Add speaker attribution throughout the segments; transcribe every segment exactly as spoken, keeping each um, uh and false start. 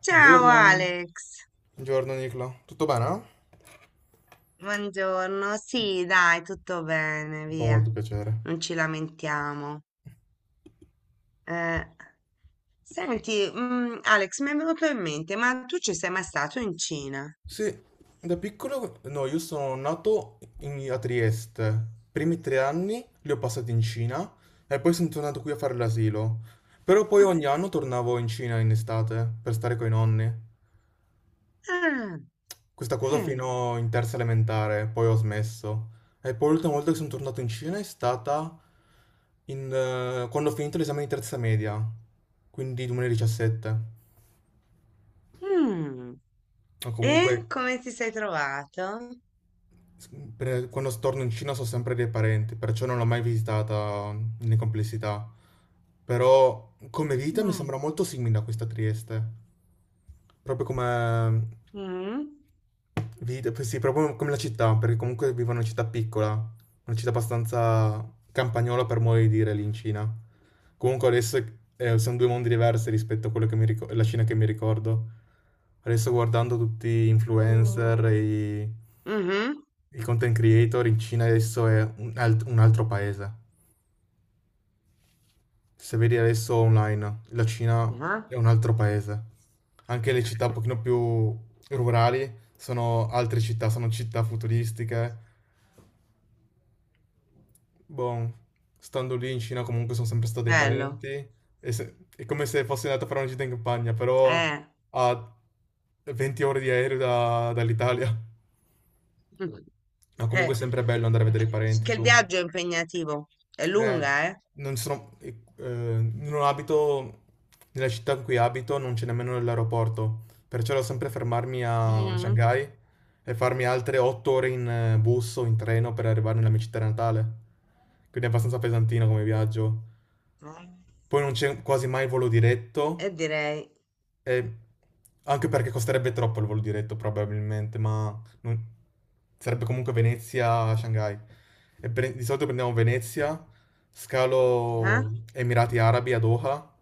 Speaker 1: Ciao
Speaker 2: Buongiorno.
Speaker 1: Alex,
Speaker 2: Buongiorno Nicola, tutto bene?
Speaker 1: buongiorno. Sì, dai, tutto bene,
Speaker 2: Fa
Speaker 1: via.
Speaker 2: molto piacere.
Speaker 1: Non ci lamentiamo. Eh, Senti, mm, Alex, mi è venuto in mente, ma tu ci sei mai stato in Cina?
Speaker 2: Sì, da piccolo, no, io sono nato in- a Trieste, i primi tre anni li ho passati in Cina e poi sono tornato qui a fare l'asilo, però poi ogni anno tornavo in Cina in estate per stare con i nonni,
Speaker 1: Ah,
Speaker 2: questa cosa
Speaker 1: eh,
Speaker 2: fino in terza elementare, poi ho smesso. E poi l'ultima volta che sono tornato in Cina è stata in, eh, quando ho finito l'esame di terza media, quindi duemiladiciassette.
Speaker 1: mm.
Speaker 2: Ma comunque
Speaker 1: E come ti sei trovato?
Speaker 2: s- per- quando torno in Cina so sempre dei parenti, perciò non l'ho mai visitata in complessità. Però come vita mi
Speaker 1: Mm.
Speaker 2: sembra molto simile a questa Trieste. Proprio come
Speaker 1: Mm.
Speaker 2: vita, eh, sì, proprio come la città, perché comunque vivo in una città piccola, una città abbastanza campagnola per modo di dire lì in Cina. Comunque adesso eh, sono due mondi diversi rispetto a quello che mi ricordo, la Cina che mi ricordo. Adesso guardando tutti gli influencer
Speaker 1: Mm.
Speaker 2: e i, i content creator, in Cina adesso è un, alt- un altro paese. Se vedi adesso online, la Cina
Speaker 1: Mhm.
Speaker 2: è
Speaker 1: Ah,
Speaker 2: un altro paese. Anche le città un pochino più rurali sono altre città, sono città futuristiche. Boh, stando lì in Cina comunque sono sempre stati parenti,
Speaker 1: bello.
Speaker 2: e se- è come se fossi andato a fare una gita in campagna, però
Speaker 1: Eh.
Speaker 2: a venti ore di aereo da- dall'Italia.
Speaker 1: Mm.
Speaker 2: Ma
Speaker 1: Eh,
Speaker 2: comunque è sempre bello andare a vedere i parenti,
Speaker 1: che il
Speaker 2: su.
Speaker 1: viaggio è impegnativo, è
Speaker 2: Eh,
Speaker 1: lunga, eh?
Speaker 2: non sono, eh, eh, non abito, nella città in cui abito non c'è nemmeno l'aeroporto, perciò devo sempre fermarmi a Shanghai e farmi altre otto ore in eh, bus o in treno per arrivare nella mia città natale. Quindi è abbastanza pesantino come viaggio.
Speaker 1: Mm.
Speaker 2: Poi non c'è quasi mai il volo diretto,
Speaker 1: E direi,
Speaker 2: e anche perché costerebbe troppo il volo diretto probabilmente, ma non- sarebbe comunque Venezia a Shanghai. E pre- di solito prendiamo Venezia,
Speaker 1: ah,
Speaker 2: scalo Emirati Arabi a Doha,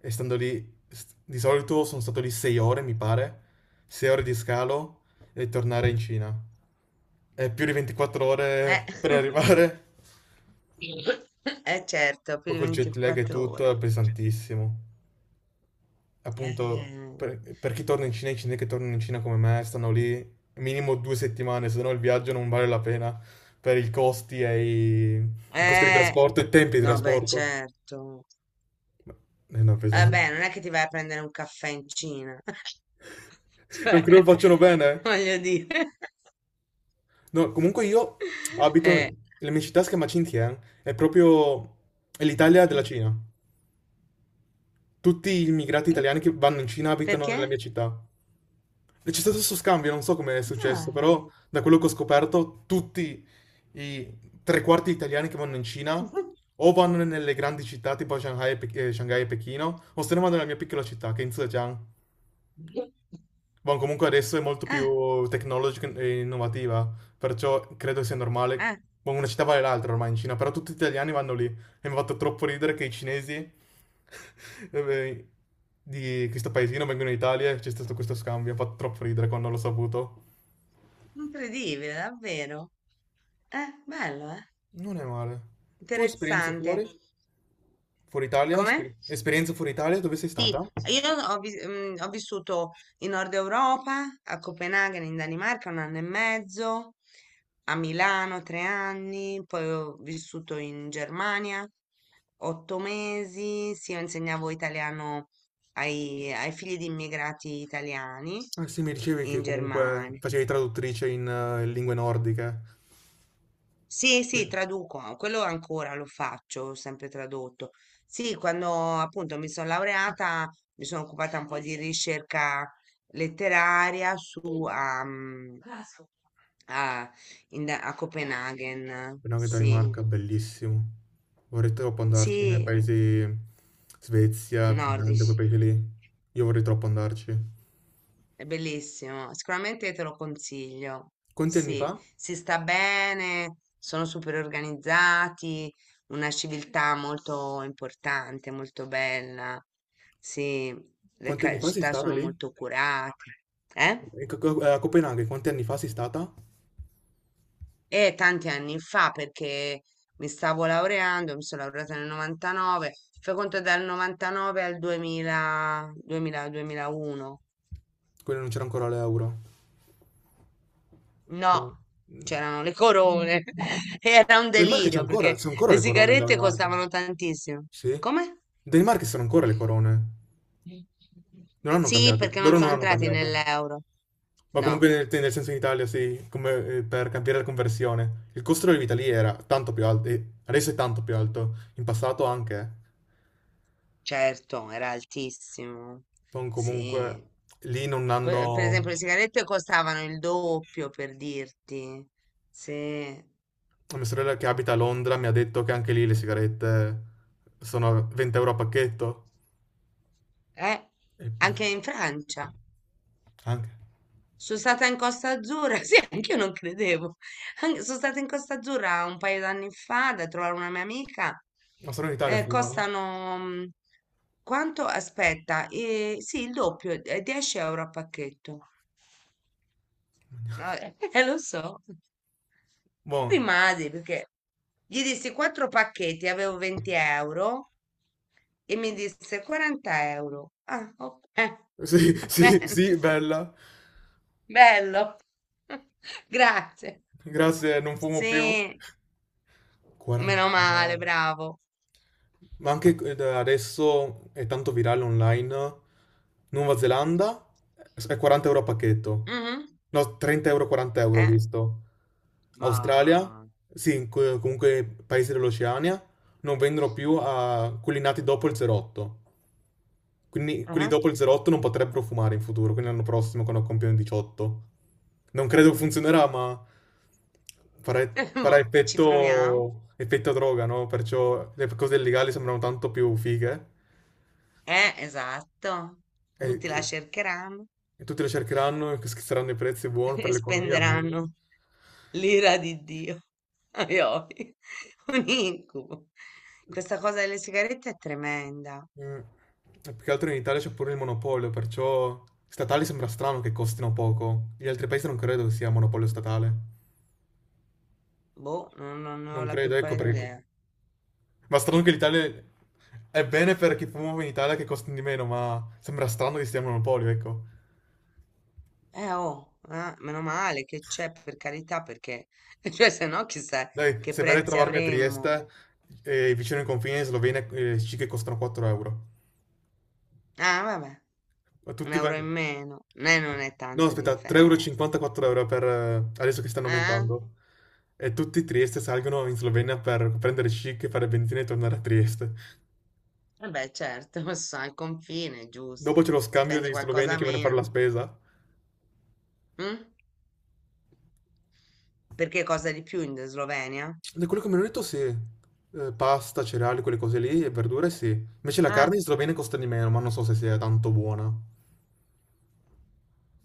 Speaker 2: e stando lì, s- di solito sono stato lì sei ore, mi pare, sei ore di scalo e tornare in Cina. È più di ventiquattro
Speaker 1: eh,
Speaker 2: ore per arrivare,
Speaker 1: eh, certo, più
Speaker 2: poi
Speaker 1: di
Speaker 2: col jet lag e
Speaker 1: ventiquattro
Speaker 2: tutto
Speaker 1: ore.
Speaker 2: è pesantissimo. Appunto,
Speaker 1: Eh,
Speaker 2: per, per chi torna in Cina, i cinesi che tornano in Cina come me stanno lì minimo due settimane, se no il viaggio non vale la pena per i costi e i, i costi di
Speaker 1: eh,
Speaker 2: trasporto e i tempi di
Speaker 1: no, beh,
Speaker 2: trasporto.
Speaker 1: certo.
Speaker 2: È una
Speaker 1: Vabbè,
Speaker 2: pesante.
Speaker 1: non è che ti vai a prendere un caffè in Cina,
Speaker 2: Non credo lo
Speaker 1: cioè,
Speaker 2: facciano bene. Eh.
Speaker 1: voglio dire.
Speaker 2: No, comunque io abito,
Speaker 1: Eh,
Speaker 2: la mia città si chiama Xinjiang, è proprio è l'Italia della
Speaker 1: mm.
Speaker 2: Cina. Tutti gli immigrati italiani che vanno in Cina abitano nella
Speaker 1: Perché?
Speaker 2: mia città. E c'è stato questo scambio, non so come è successo,
Speaker 1: Dai.
Speaker 2: però da quello che ho scoperto, tutti i tre quarti italiani che vanno in Cina o vanno nelle grandi città tipo Shanghai e, Pe- eh, Shanghai e Pechino, o se ne vanno nella mia piccola città che è in Zhejiang. Boh, comunque adesso è molto
Speaker 1: Ah,
Speaker 2: più tecnologica e innovativa, perciò credo sia normale.
Speaker 1: ah,
Speaker 2: Boh, una città vale l'altra ormai in Cina, però tutti gli italiani vanno lì. E mi ha fatto troppo ridere che i cinesi eh, di questo paesino vengono in Italia e c'è stato questo scambio. Mi ha fatto troppo ridere quando l'ho saputo.
Speaker 1: incredibile, davvero. Eh, bello, eh?
Speaker 2: Non è male. Tu hai esperienze
Speaker 1: Interessante.
Speaker 2: fuori? Fuori Italia?
Speaker 1: Com'è?
Speaker 2: Esper- esperienze fuori Italia? Dove sei
Speaker 1: Sì,
Speaker 2: stata?
Speaker 1: io ho, vis- mm, ho vissuto in Nord Europa, a Copenaghen, in Danimarca, un anno e mezzo, a Milano tre anni, poi ho vissuto in Germania otto mesi, sì, io insegnavo italiano ai, ai figli di immigrati italiani
Speaker 2: Ah, sì, mi dicevi che
Speaker 1: in
Speaker 2: comunque
Speaker 1: Germania.
Speaker 2: facevi traduttrice in eh, lingue nordiche.
Speaker 1: Sì, sì,
Speaker 2: Sì.
Speaker 1: traduco, ah, quello ancora lo faccio, ho sempre tradotto. Sì, quando appunto mi sono laureata, mi sono occupata un po' di ricerca letteraria su, a, mm, a, in- a Copenaghen,
Speaker 2: Penso che da
Speaker 1: sì,
Speaker 2: Danimarca, bellissimo. Vorrei troppo andarci nei
Speaker 1: sì,
Speaker 2: paesi Svezia, Finlandia, quei
Speaker 1: nordici.
Speaker 2: paesi lì. Io vorrei troppo andarci.
Speaker 1: È bellissimo, sicuramente te lo consiglio.
Speaker 2: Quanti anni
Speaker 1: Sì,
Speaker 2: fa?
Speaker 1: si sta bene, sono super organizzati, una civiltà molto importante, molto bella. Sì, le
Speaker 2: Quanti anni
Speaker 1: ca-
Speaker 2: fa sei
Speaker 1: città
Speaker 2: stata
Speaker 1: sono
Speaker 2: lì?
Speaker 1: molto curate. Eh?
Speaker 2: E co- co- a Copenaghen, quanti anni fa sei stata?
Speaker 1: E tanti anni fa, perché mi stavo laureando, mi sono laureata nel novantanove, fai conto dal novantanove al duemila, duemila, duemilauno.
Speaker 2: Quindi non c'era ancora l'euro. Boh.
Speaker 1: No, c'erano le corone. Era un
Speaker 2: Danimarca c'è
Speaker 1: delirio
Speaker 2: ancora,
Speaker 1: perché
Speaker 2: c'è ancora
Speaker 1: le
Speaker 2: le corone in
Speaker 1: sigarette
Speaker 2: Danimarca.
Speaker 1: costavano tantissimo.
Speaker 2: Sì? In
Speaker 1: Come?
Speaker 2: Danimarca ci sono ancora le corone. Non hanno
Speaker 1: Sì,
Speaker 2: cambiato.
Speaker 1: perché non
Speaker 2: Loro non
Speaker 1: sono
Speaker 2: hanno
Speaker 1: entrati
Speaker 2: cambiato.
Speaker 1: nell'euro.
Speaker 2: Ma comunque
Speaker 1: No,
Speaker 2: nel, nel senso in Italia sì, come eh, per cambiare la conversione. Il costo della vita lì era tanto più alto, e adesso è tanto più alto, in passato anche.
Speaker 1: certo, era altissimo.
Speaker 2: Sono
Speaker 1: Sì.
Speaker 2: comunque lì non
Speaker 1: Que- Per
Speaker 2: hanno.
Speaker 1: esempio, le sigarette costavano il doppio, per dirti. Sì. Eh,
Speaker 2: Mia sorella che abita a Londra mi ha detto che anche lì le sigarette sono venti euro a pacchetto. E- mm,
Speaker 1: anche in Francia.
Speaker 2: Anche.
Speaker 1: Sono stata in Costa Azzurra, sì, anche io non credevo. An- sono stata in Costa Azzurra un paio d'anni fa da trovare una mia amica.
Speaker 2: Ma solo in Italia
Speaker 1: Eh,
Speaker 2: fumano.
Speaker 1: costano mm, quanto? Aspetta, eh, sì, il doppio, eh, dieci euro a pacchetto. Vabbè, eh, lo so.
Speaker 2: Buono.
Speaker 1: Rimasi perché gli dissi quattro pacchetti, avevo venti euro e mi disse quaranta euro. Ah, ok.
Speaker 2: Sì, sì,
Speaker 1: Bene,
Speaker 2: sì, bella.
Speaker 1: bello. Grazie.
Speaker 2: Grazie, non fumo più.
Speaker 1: Sì, meno male,
Speaker 2: quaranta.
Speaker 1: bravo.
Speaker 2: Ma anche eh, da adesso è tanto virale online. Nuova Zelanda è
Speaker 1: Sì.
Speaker 2: quaranta euro a pacchetto.
Speaker 1: Mhm.
Speaker 2: No, trenta euro, quaranta euro ho
Speaker 1: Eh,
Speaker 2: visto. Australia,
Speaker 1: ma
Speaker 2: sì, co- comunque paesi dell'Oceania, non vendono più a quelli nati dopo il zero otto. Quindi quelli
Speaker 1: ah,
Speaker 2: dopo il zero otto non potrebbero fumare in futuro, quindi l'anno prossimo quando compiono diciotto. Non credo che funzionerà, ma farà, farà
Speaker 1: boh, ci proviamo.
Speaker 2: effetto, effetto droga, no? Perciò le cose illegali sembrano tanto più fighe
Speaker 1: Eh, esatto.
Speaker 2: e,
Speaker 1: Tutti la
Speaker 2: e-
Speaker 1: cercheranno,
Speaker 2: e tutti le cercheranno e schizzeranno i prezzi buoni per
Speaker 1: e
Speaker 2: l'economia. Buono.
Speaker 1: spenderanno l'ira di Dio. Ai, ai, un incubo. Questa cosa delle sigarette è tremenda.
Speaker 2: Mm. E più che altro in Italia c'è pure il monopolio, perciò statali sembra strano che costino poco. Gli altri paesi non credo che sia monopolio statale.
Speaker 1: Boh, non, non ne ho
Speaker 2: Non
Speaker 1: la
Speaker 2: credo,
Speaker 1: più
Speaker 2: ecco
Speaker 1: pallida
Speaker 2: perché.
Speaker 1: idea.
Speaker 2: Ma strano che l'Italia è bene per chi fuma in Italia che costa di meno, ma sembra strano che stia a monopolio, ecco.
Speaker 1: Eh oh, ah, meno male che c'è per carità, perché cioè, se no chissà
Speaker 2: Dai,
Speaker 1: che
Speaker 2: se verrai a
Speaker 1: prezzi
Speaker 2: trovarmi a
Speaker 1: avremmo.
Speaker 2: Trieste, eh, vicino ai confini in Slovenia, eh, sì che costano quattro euro.
Speaker 1: Ah, vabbè,
Speaker 2: Ma
Speaker 1: un
Speaker 2: tutti
Speaker 1: euro in
Speaker 2: vengono.
Speaker 1: meno, né non è
Speaker 2: No,
Speaker 1: tanto
Speaker 2: aspetta, 3,54
Speaker 1: differenza.
Speaker 2: euro e cinquanta, quattro euro per. Eh, adesso che stanno
Speaker 1: Eh?
Speaker 2: aumentando. E tutti i Trieste salgono in Slovenia per prendere chic, fare benzina e tornare a Trieste.
Speaker 1: Vabbè, certo, ma sono al confine, giusto.
Speaker 2: Dopo c'è lo scambio
Speaker 1: Spendi
Speaker 2: degli sloveni
Speaker 1: qualcosa
Speaker 2: che vanno a fare
Speaker 1: meno.
Speaker 2: la spesa.
Speaker 1: Mm? Perché cosa di più in Slovenia?
Speaker 2: Di quello che mi hanno detto sì. Eh, pasta, cereali, quelle cose lì e verdure sì. Invece la
Speaker 1: Eh,
Speaker 2: carne in Slovenia costa di meno, ma non so se sia tanto buona.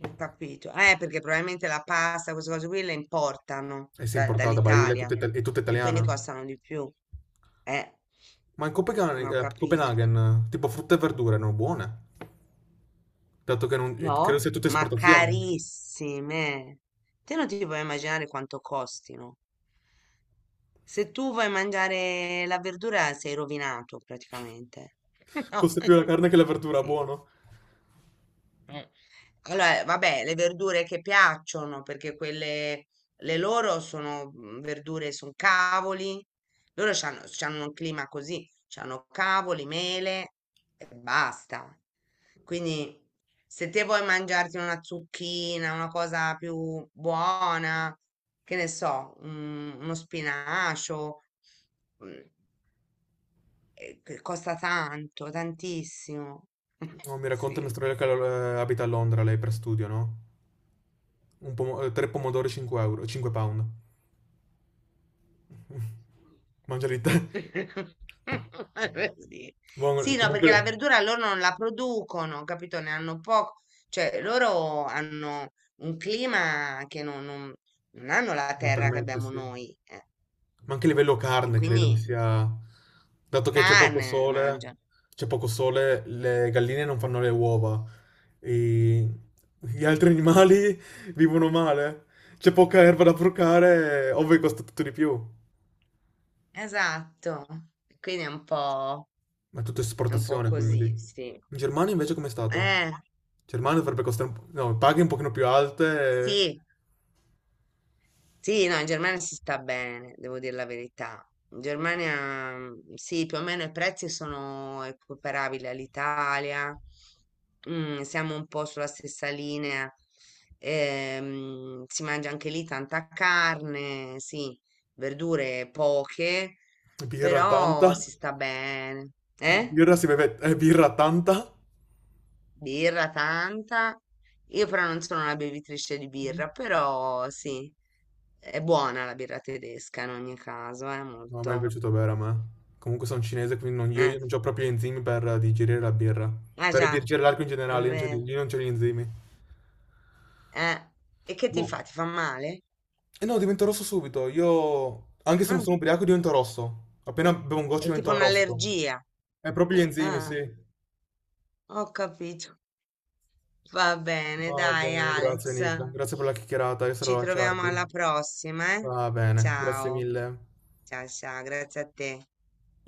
Speaker 1: ho capito. Eh, perché probabilmente la pasta, queste cose qui le importano
Speaker 2: E se è
Speaker 1: da-
Speaker 2: importata, Barile, è tutta,
Speaker 1: dall'Italia
Speaker 2: ita- è tutta
Speaker 1: e quindi
Speaker 2: italiana.
Speaker 1: costano di più. Eh,
Speaker 2: Ma in
Speaker 1: non
Speaker 2: Copenaghen,
Speaker 1: ho
Speaker 2: eh,
Speaker 1: capito.
Speaker 2: Copenaghen, eh, tipo frutta e verdure, non buone. Dato che non, eh, credo
Speaker 1: No,
Speaker 2: sia tutta
Speaker 1: ma
Speaker 2: esportazione.
Speaker 1: carissime. Te non ti puoi immaginare quanto costino. Se tu vuoi mangiare la verdura sei rovinato praticamente. No,
Speaker 2: Costa più la carne che la verdura,
Speaker 1: sì.
Speaker 2: buono.
Speaker 1: Allora, vabbè, le verdure che piacciono, perché quelle, le loro sono mm, verdure, sono cavoli, loro c'hanno, c'hanno un clima così, c'hanno cavoli, mele e basta. Quindi se te vuoi mangiarti una zucchina, una cosa più buona, che ne so, un- uno spinacio, mm, eh, che costa tanto, tantissimo.
Speaker 2: No, mi racconta mia
Speaker 1: Sì.
Speaker 2: sorella che eh, abita a Londra, lei per studio, no? Un pomo- eh, tre pomodori cinque euro, cinque pound. Mangia lì te.
Speaker 1: Sì.
Speaker 2: Buono,
Speaker 1: Sì, no, perché la
Speaker 2: comunque.
Speaker 1: verdura loro non la producono, capito? Ne hanno poco, cioè loro hanno un clima che non, non- non hanno la
Speaker 2: Mi
Speaker 1: terra che
Speaker 2: permette,
Speaker 1: abbiamo
Speaker 2: sì.
Speaker 1: noi, eh,
Speaker 2: Ma anche a livello
Speaker 1: e
Speaker 2: carne credo che
Speaker 1: quindi
Speaker 2: sia. Dato che c'è poco
Speaker 1: carne
Speaker 2: sole,
Speaker 1: mangiano.
Speaker 2: C'è poco sole, le galline non fanno le uova. E gli altri animali vivono male. C'è poca erba da procare, ovvio che costa tutto di più.
Speaker 1: Esatto. Quindi è un po',
Speaker 2: Ma è tutto
Speaker 1: è un po'
Speaker 2: esportazione, quindi.
Speaker 1: così, sì.
Speaker 2: In Germania invece com'è stato? In
Speaker 1: Eh,
Speaker 2: Germania dovrebbe costare un po'. No, paghe un pochino più alte,
Speaker 1: sì. Sì, no, in Germania si sta bene, devo dire la verità. In Germania, mm, sì, più o meno i prezzi sono equiparabili all'Italia, mm, siamo un po' sulla stessa linea, ehm, si mangia anche lì tanta carne, sì, verdure poche,
Speaker 2: e- birra tanta.
Speaker 1: però si sta bene. Eh?
Speaker 2: Birra si beve, eh, birra tanta.
Speaker 1: Birra tanta. Io però non sono una bevitrice di birra, però sì. È buona la birra tedesca in ogni caso, è
Speaker 2: Non è mai
Speaker 1: molto.
Speaker 2: piaciuto bere a me. Comunque sono cinese, quindi non- io, io
Speaker 1: Eh,
Speaker 2: non ho proprio gli enzimi per digerire la birra.
Speaker 1: eh
Speaker 2: Per
Speaker 1: già,
Speaker 2: digerire l'alcol in
Speaker 1: è
Speaker 2: generale, io non c'ho,
Speaker 1: vero.
Speaker 2: io non c'ho gli enzimi.
Speaker 1: Eh. E che ti
Speaker 2: Boh.
Speaker 1: fa? Ti fa male?
Speaker 2: E no, divento rosso subito. Io, anche se non
Speaker 1: Ah,
Speaker 2: sono ubriaco, divento rosso. Appena bevo un goccio
Speaker 1: è tipo
Speaker 2: divento rosso.
Speaker 1: un'allergia.
Speaker 2: È proprio gli enzimi, sì.
Speaker 1: Ah, ho capito. Va bene,
Speaker 2: Va
Speaker 1: dai
Speaker 2: bene, grazie
Speaker 1: Alex.
Speaker 2: Nicola. Grazie per la chiacchierata, io sarò
Speaker 1: Ci
Speaker 2: a
Speaker 1: troviamo
Speaker 2: lasciarti.
Speaker 1: alla prossima, eh?
Speaker 2: Va bene, grazie
Speaker 1: Ciao,
Speaker 2: mille.
Speaker 1: ciao, ciao, grazie a te.